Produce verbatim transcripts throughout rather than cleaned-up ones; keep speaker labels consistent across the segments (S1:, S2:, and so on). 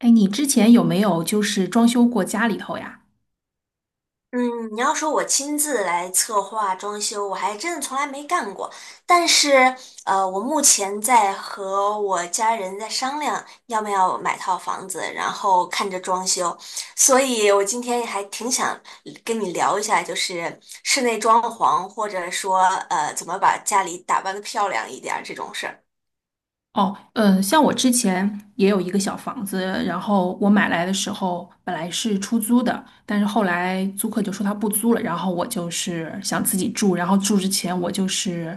S1: 哎，你之前有没有就是装修过家里头呀？
S2: 嗯，你要说我亲自来策划装修，我还真的从来没干过。但是，呃，我目前在和我家人在商量要不要买套房子，然后看着装修。所以我今天还挺想跟你聊一下，就是室内装潢，或者说呃，怎么把家里打扮的漂亮一点儿这种事儿。
S1: 哦，嗯，像我之前也有一个小房子，然后我买来的时候本来是出租的，但是后来租客就说他不租了，然后我就是想自己住，然后住之前我就是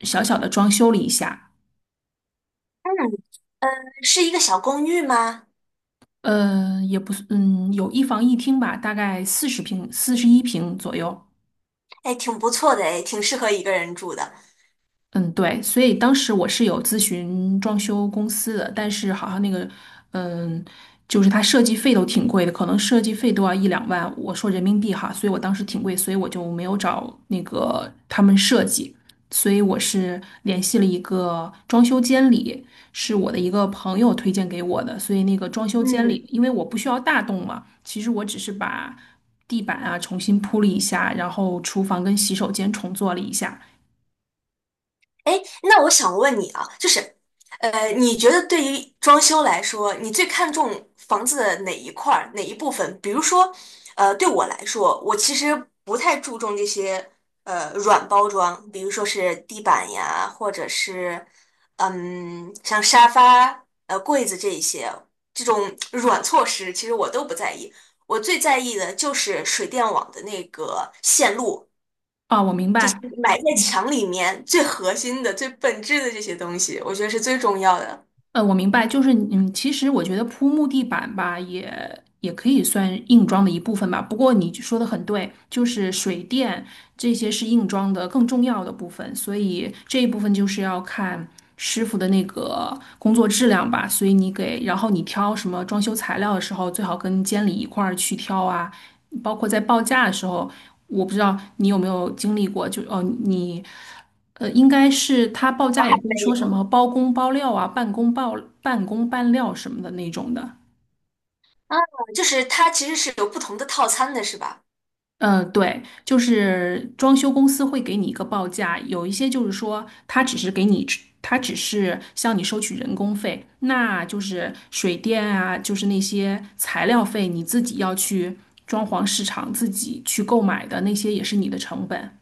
S1: 小小的装修了一下，
S2: 嗯，是一个小公寓吗？
S1: 呃，也不是，嗯，有一房一厅吧，大概四十平、四十一平左右。
S2: 哎，挺不错的，哎，挺适合一个人住的。
S1: 嗯，对，所以当时我是有咨询装修公司的，但是好像那个，嗯，就是它设计费都挺贵的，可能设计费都要一两万，我说人民币哈，所以我当时挺贵，所以我就没有找那个他们设计，所以我是联系了一个装修监理，是我的一个朋友推荐给我的，所以那个装修监理，
S2: 嗯。
S1: 因为我不需要大动嘛，其实我只是把地板啊重新铺了一下，然后厨房跟洗手间重做了一下。
S2: 哎，那我想问你啊，就是，呃，你觉得对于装修来说，你最看重房子的哪一块儿、哪一部分？比如说，呃，对我来说，我其实不太注重这些呃软包装，比如说是地板呀，或者是嗯，像沙发、呃柜子这一些这种软措施，其实我都不在意。我最在意的就是水电网的那个线路。
S1: 啊，我明白。
S2: 埋在
S1: 嗯，
S2: 墙里面最核心的、最本质的这些东西，我觉得是最重要的。
S1: 呃，我明白，就是嗯，其实我觉得铺木地板吧，也也可以算硬装的一部分吧。不过你就说的很对，就是水电这些是硬装的更重要的部分，所以这一部分就是要看师傅的那个工作质量吧。所以你给，然后你挑什么装修材料的时候，最好跟监理一块儿去挑啊，包括在报价的时候，我不知道你有没有经历过，就哦你。呃，应该是他报
S2: 我
S1: 价也
S2: 还
S1: 会
S2: 没
S1: 说什
S2: 有
S1: 么包工包料啊、半工包半工半料什么的那种的。
S2: 啊，就是它其实是有不同的套餐的，是吧？
S1: 嗯，呃对，就是装修公司会给你一个报价，有一些就是说他只是给你，他只是向你收取人工费，那就是水电啊，就是那些材料费，你自己要去装潢市场自己去购买的那些也是你的成本。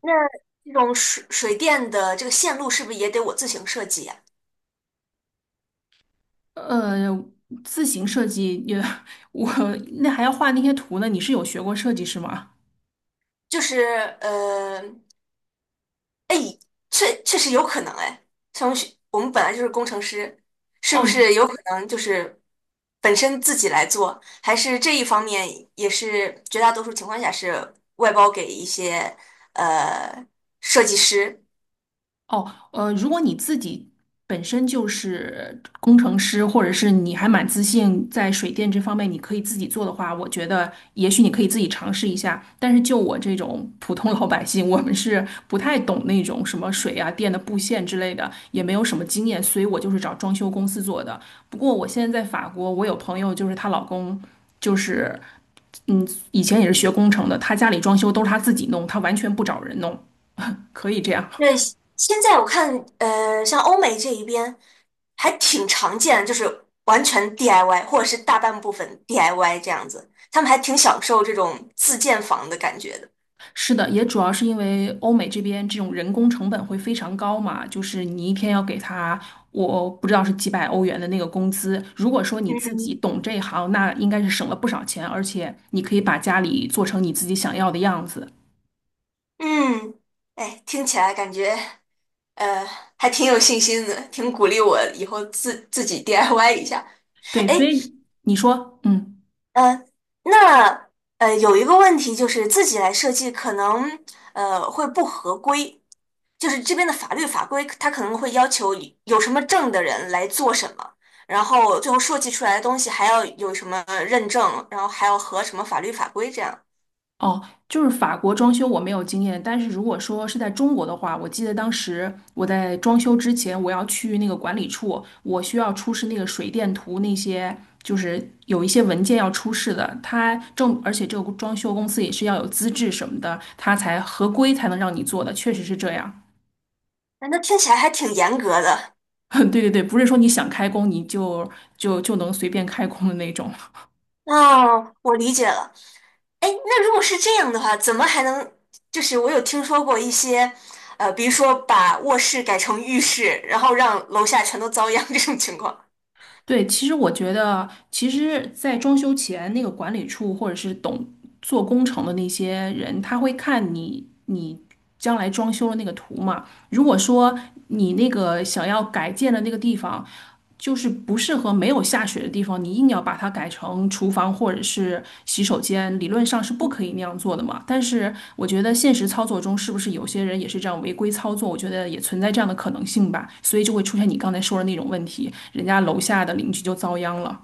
S2: 那这种水水电的这个线路是不是也得我自行设计呀？
S1: 呃，自行设计也，我那还要画那些图呢，你是有学过设计是吗？
S2: 就是呃，确确实有可能哎，像我们学我们本来就是工程师，是不
S1: 哦
S2: 是有可能就是本身自己来做，还是这一方面也是绝大多数情况下是外包给一些呃设计师？
S1: 哦，呃，如果你自己本身就是工程师，或者是你还蛮自信在水电这方面，你可以自己做的话，我觉得也许你可以自己尝试一下。但是就我这种普通老百姓，我们是不太懂那种什么水啊、电的布线之类的，也没有什么经验，所以我就是找装修公司做的。不过我现在在法国，我有朋友就是她老公就是。嗯，以前也是学工程的，她家里装修都是她自己弄，她完全不找人弄，可以这样。
S2: 对，现在我看呃像欧美这一边还挺常见的就是完全 D I Y 或者是大半部分 D I Y 这样子，他们还挺享受这种自建房的感觉的。
S1: 是的，也主要是因为欧美这边这种人工成本会非常高嘛，就是你一天要给他，我不知道是几百欧元的那个工资。如果说你自己
S2: 嗯
S1: 懂这一行，那应该是省了不少钱，而且你可以把家里做成你自己想要的样子。
S2: 嗯，哎，听起来感觉。呃，还挺有信心的，挺鼓励我以后自自己 D I Y 一下。
S1: 对，所
S2: 哎，
S1: 以你说，嗯。
S2: 呃，那呃有一个问题就是自己来设计可能呃会不合规，就是这边的法律法规它可能会要求有什么证的人来做什么，然后最后设计出来的东西还要有什么认证，然后还要合什么法律法规这样，
S1: 哦，就是法国装修我没有经验，但是如果说是在中国的话，我记得当时我在装修之前，我要去那个管理处，我需要出示那个水电图，那些就是有一些文件要出示的。它正，而且这个装修公司也是要有资质什么的，它才合规才能让你做的，确实是这样。
S2: 哎那听起来还挺严格的。
S1: 对对对，不是说你想开工你就就就能随便开工的那种。
S2: 哦，我理解了。哎，那如果是这样的话，怎么还能？就是我有听说过一些，呃，比如说把卧室改成浴室，然后让楼下全都遭殃 这种情况。
S1: 对，其实我觉得，其实，在装修前，那个管理处或者是懂做工程的那些人，他会看你你将来装修的那个图嘛。如果说你那个想要改建的那个地方，就是不适合没有下水的地方，你硬要把它改成厨房或者是洗手间，理论上是不可以那样做的嘛。但是我觉得现实操作中，是不是有些人也是这样违规操作？我觉得也存在这样的可能性吧，所以就会出现你刚才说的那种问题，人家楼下的邻居就遭殃了。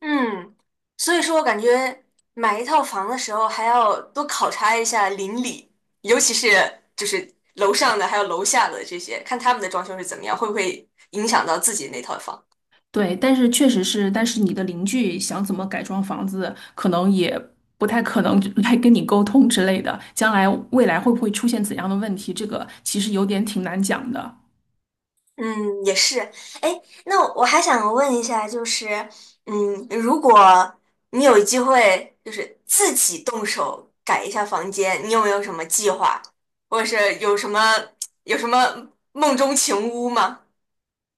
S2: 嗯，所以说我感觉买一套房的时候还要多考察一下邻里，尤其是就是楼上的还有楼下的这些，看他们的装修是怎么样，会不会影响到自己那套房。
S1: 对，但是确实是，但是你的邻居想怎么改装房子，可能也不太可能来跟你沟通之类的。将来未来会不会出现怎样的问题，这个其实有点挺难讲的。
S2: 嗯，也是。哎，那我还想问一下，就是，嗯，如果你有机会，就是自己动手改一下房间，你有没有什么计划，或者是有什么有什么梦中情屋吗？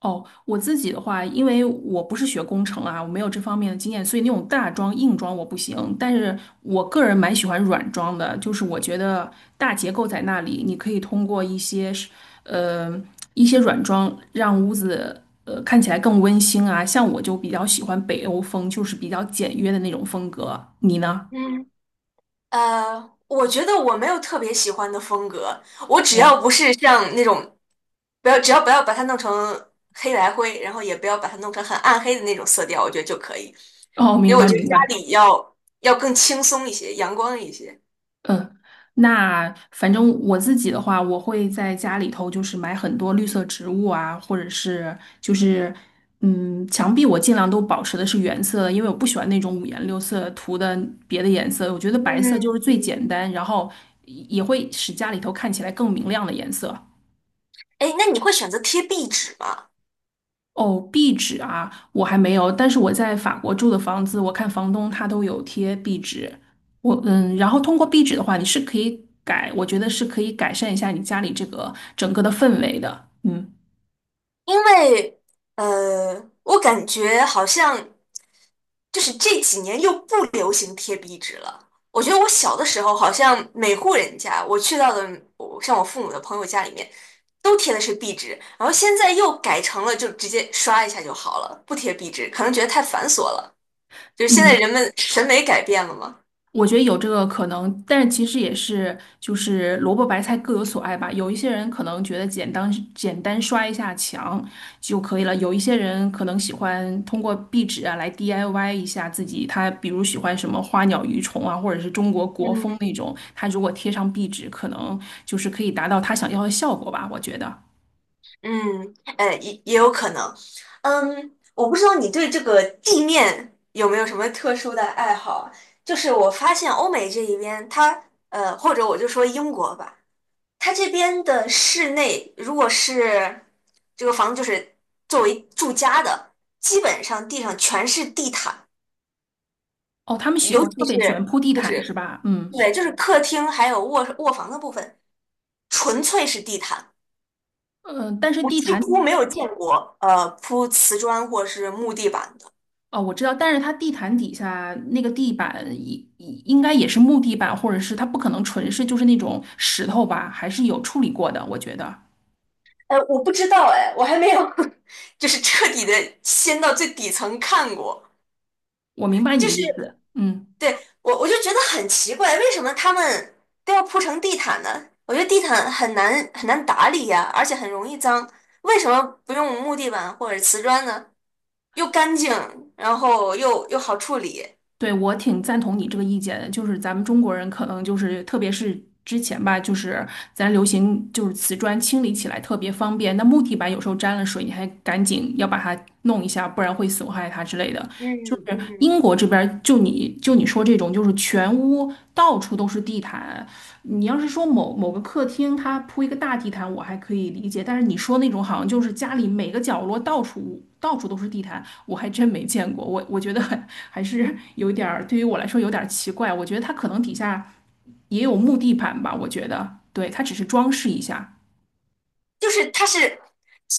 S1: 哦，我自己的话，因为我不是学工程啊，我没有这方面的经验，所以那种大装硬装我不行。但是我个人蛮喜欢软装的，就是我觉得大结构在那里，你可以通过一些是，呃，一些软装让屋子呃看起来更温馨啊。像我就比较喜欢北欧风，就是比较简约的那种风格。你呢？
S2: 嗯。呃，我觉得我没有特别喜欢的风格，我只要不是像那种，不要只要不要把它弄成黑白灰，然后也不要把它弄成很暗黑的那种色调，我觉得就可以。
S1: 哦，
S2: 因
S1: 明
S2: 为我
S1: 白
S2: 觉得
S1: 明白。
S2: 家里要要更轻松一些，阳光一些。
S1: 嗯，那反正我自己的话，我会在家里头就是买很多绿色植物啊，或者是就是嗯，墙壁我尽量都保持的是原色的因为我不喜欢那种五颜六色涂的别的颜色，我觉得白色就是
S2: 嗯，
S1: 最简单，然后也也会使家里头看起来更明亮的颜色。
S2: 哎，那你会选择贴壁纸吗？
S1: 哦，壁纸啊，我还没有，但是我在法国住的房子，我看房东他都有贴壁纸。我嗯，然后通过壁纸的话，你是可以改，我觉得是可以改善一下你家里这个整个的氛围的。嗯。
S2: 因为呃，我感觉好像就是这几年又不流行贴壁纸了。我觉得我小的时候，好像每户人家我去到的，我像我父母的朋友家里面，都贴的是壁纸，然后现在又改成了就直接刷一下就好了，不贴壁纸，可能觉得太繁琐了。就是现在
S1: 嗯，
S2: 人们审美改变了嘛。
S1: 我觉得有这个可能，但是其实也是就是萝卜白菜各有所爱吧。有一些人可能觉得简单简单刷一下墙就可以了，有一些人可能喜欢通过壁纸啊来 D I Y 一下自己。他比如喜欢什么花鸟鱼虫啊，或者是中国国风
S2: 嗯，
S1: 那种，他如果贴上壁纸，可能就是可以达到他想要的效果吧。我觉得。
S2: 嗯，哎，也也有可能。嗯，我不知道你对这个地面有没有什么特殊的爱好啊就是我发现欧美这一边，它呃，或者我就说英国吧，它这边的室内，如果是这个房子就是作为住家的，基本上地上全是地毯，
S1: 哦，他们喜
S2: 尤
S1: 欢特
S2: 其
S1: 别喜欢
S2: 是
S1: 铺地
S2: 就
S1: 毯是
S2: 是
S1: 吧？嗯
S2: 对，就是客厅还有卧卧房的部分，纯粹是地毯。
S1: 嗯，呃但是
S2: 我
S1: 地
S2: 几
S1: 毯。
S2: 乎没有见过，呃，铺瓷砖或是木地板的。
S1: 哦，我知道，但是它地毯底下那个地板应应该也是木地板，或者是它不可能纯是就是那种石头吧，还是有处理过的。我觉得
S2: 哎，我不知道，哎，我还没有 就是彻底的掀到最底层看过。
S1: 我明白你
S2: 就
S1: 的
S2: 是
S1: 意思，嗯，
S2: 对我，我就觉得很奇怪，为什么他们都要铺成地毯呢？我觉得地毯很难很难打理呀，而且很容易脏。为什么不用木地板或者瓷砖呢？又干净，然后又又好处理。
S1: 对，我挺赞同你这个意见的。就是咱们中国人可能就是，特别是之前吧，就是咱流行就是瓷砖清理起来特别方便，那木地板有时候沾了水，你还赶紧要把它弄一下，不然会损害它之类的。就
S2: 嗯
S1: 是
S2: 嗯。
S1: 英国这边儿就你就你说这种，就是全屋到处都是地毯。你要是说某某个客厅，它铺一个大地毯，我还可以理解。但是你说那种好像就是家里每个角落到处到处都是地毯，我还真没见过。我我觉得 还是有点儿，对于我来说有点儿奇怪。我觉得它可能底下也有木地板吧，我觉得，对，它只是装饰一下。
S2: 就是它是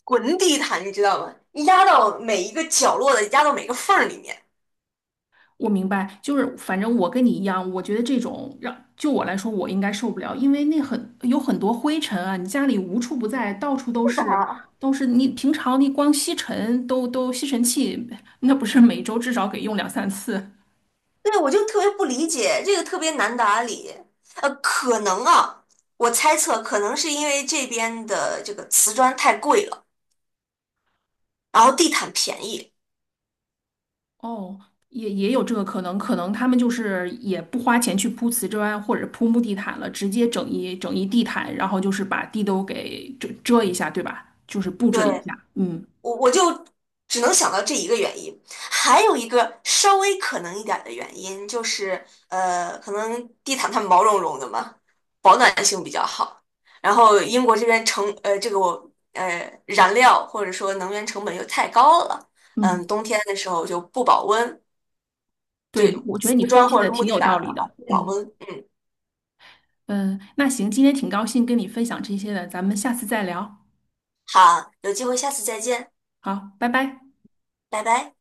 S2: 滚地毯，你知道吗？压到每一个角落的，压到每个缝儿里面。
S1: 我明白，就是反正我跟你一样，我觉得这种让就我来说，我应该受不了，因为那很有很多灰尘啊，你家里无处不在，到处都
S2: 是的，
S1: 是，都是你平常你光吸尘都都吸尘器，那不是每周至少给用两三次。
S2: 对，我就特别不理解，这个特别难打理。呃，可能啊，我猜测可能是因为这边的这个瓷砖太贵了，然后地毯便宜。
S1: 哦，也也有这个可能，可能他们就是也不花钱去铺瓷砖或者铺木地毯了，直接整一整一地毯，然后就是把地都给遮遮一下，对吧？就是布置了一
S2: 对，
S1: 下，嗯
S2: 我我就只能想到这一个原因，还有一个稍微可能一点的原因就是，呃，可能地毯它毛茸茸的嘛，保暖性比较好。然后英国这边成呃这个我呃燃料或者说能源成本又太高了，嗯，
S1: 嗯。
S2: 冬天的时候就不保温，
S1: 对，
S2: 对，
S1: 你我觉得
S2: 瓷
S1: 你分
S2: 砖
S1: 析
S2: 或者
S1: 的
S2: 是木
S1: 挺
S2: 地
S1: 有道
S2: 板的
S1: 理
S2: 话
S1: 的。
S2: 不保
S1: 嗯
S2: 温。嗯，
S1: 嗯，那行，今天挺高兴跟你分享这些的，咱们下次再聊。
S2: 好，有机会下次再见，
S1: 好，拜拜。
S2: 拜拜。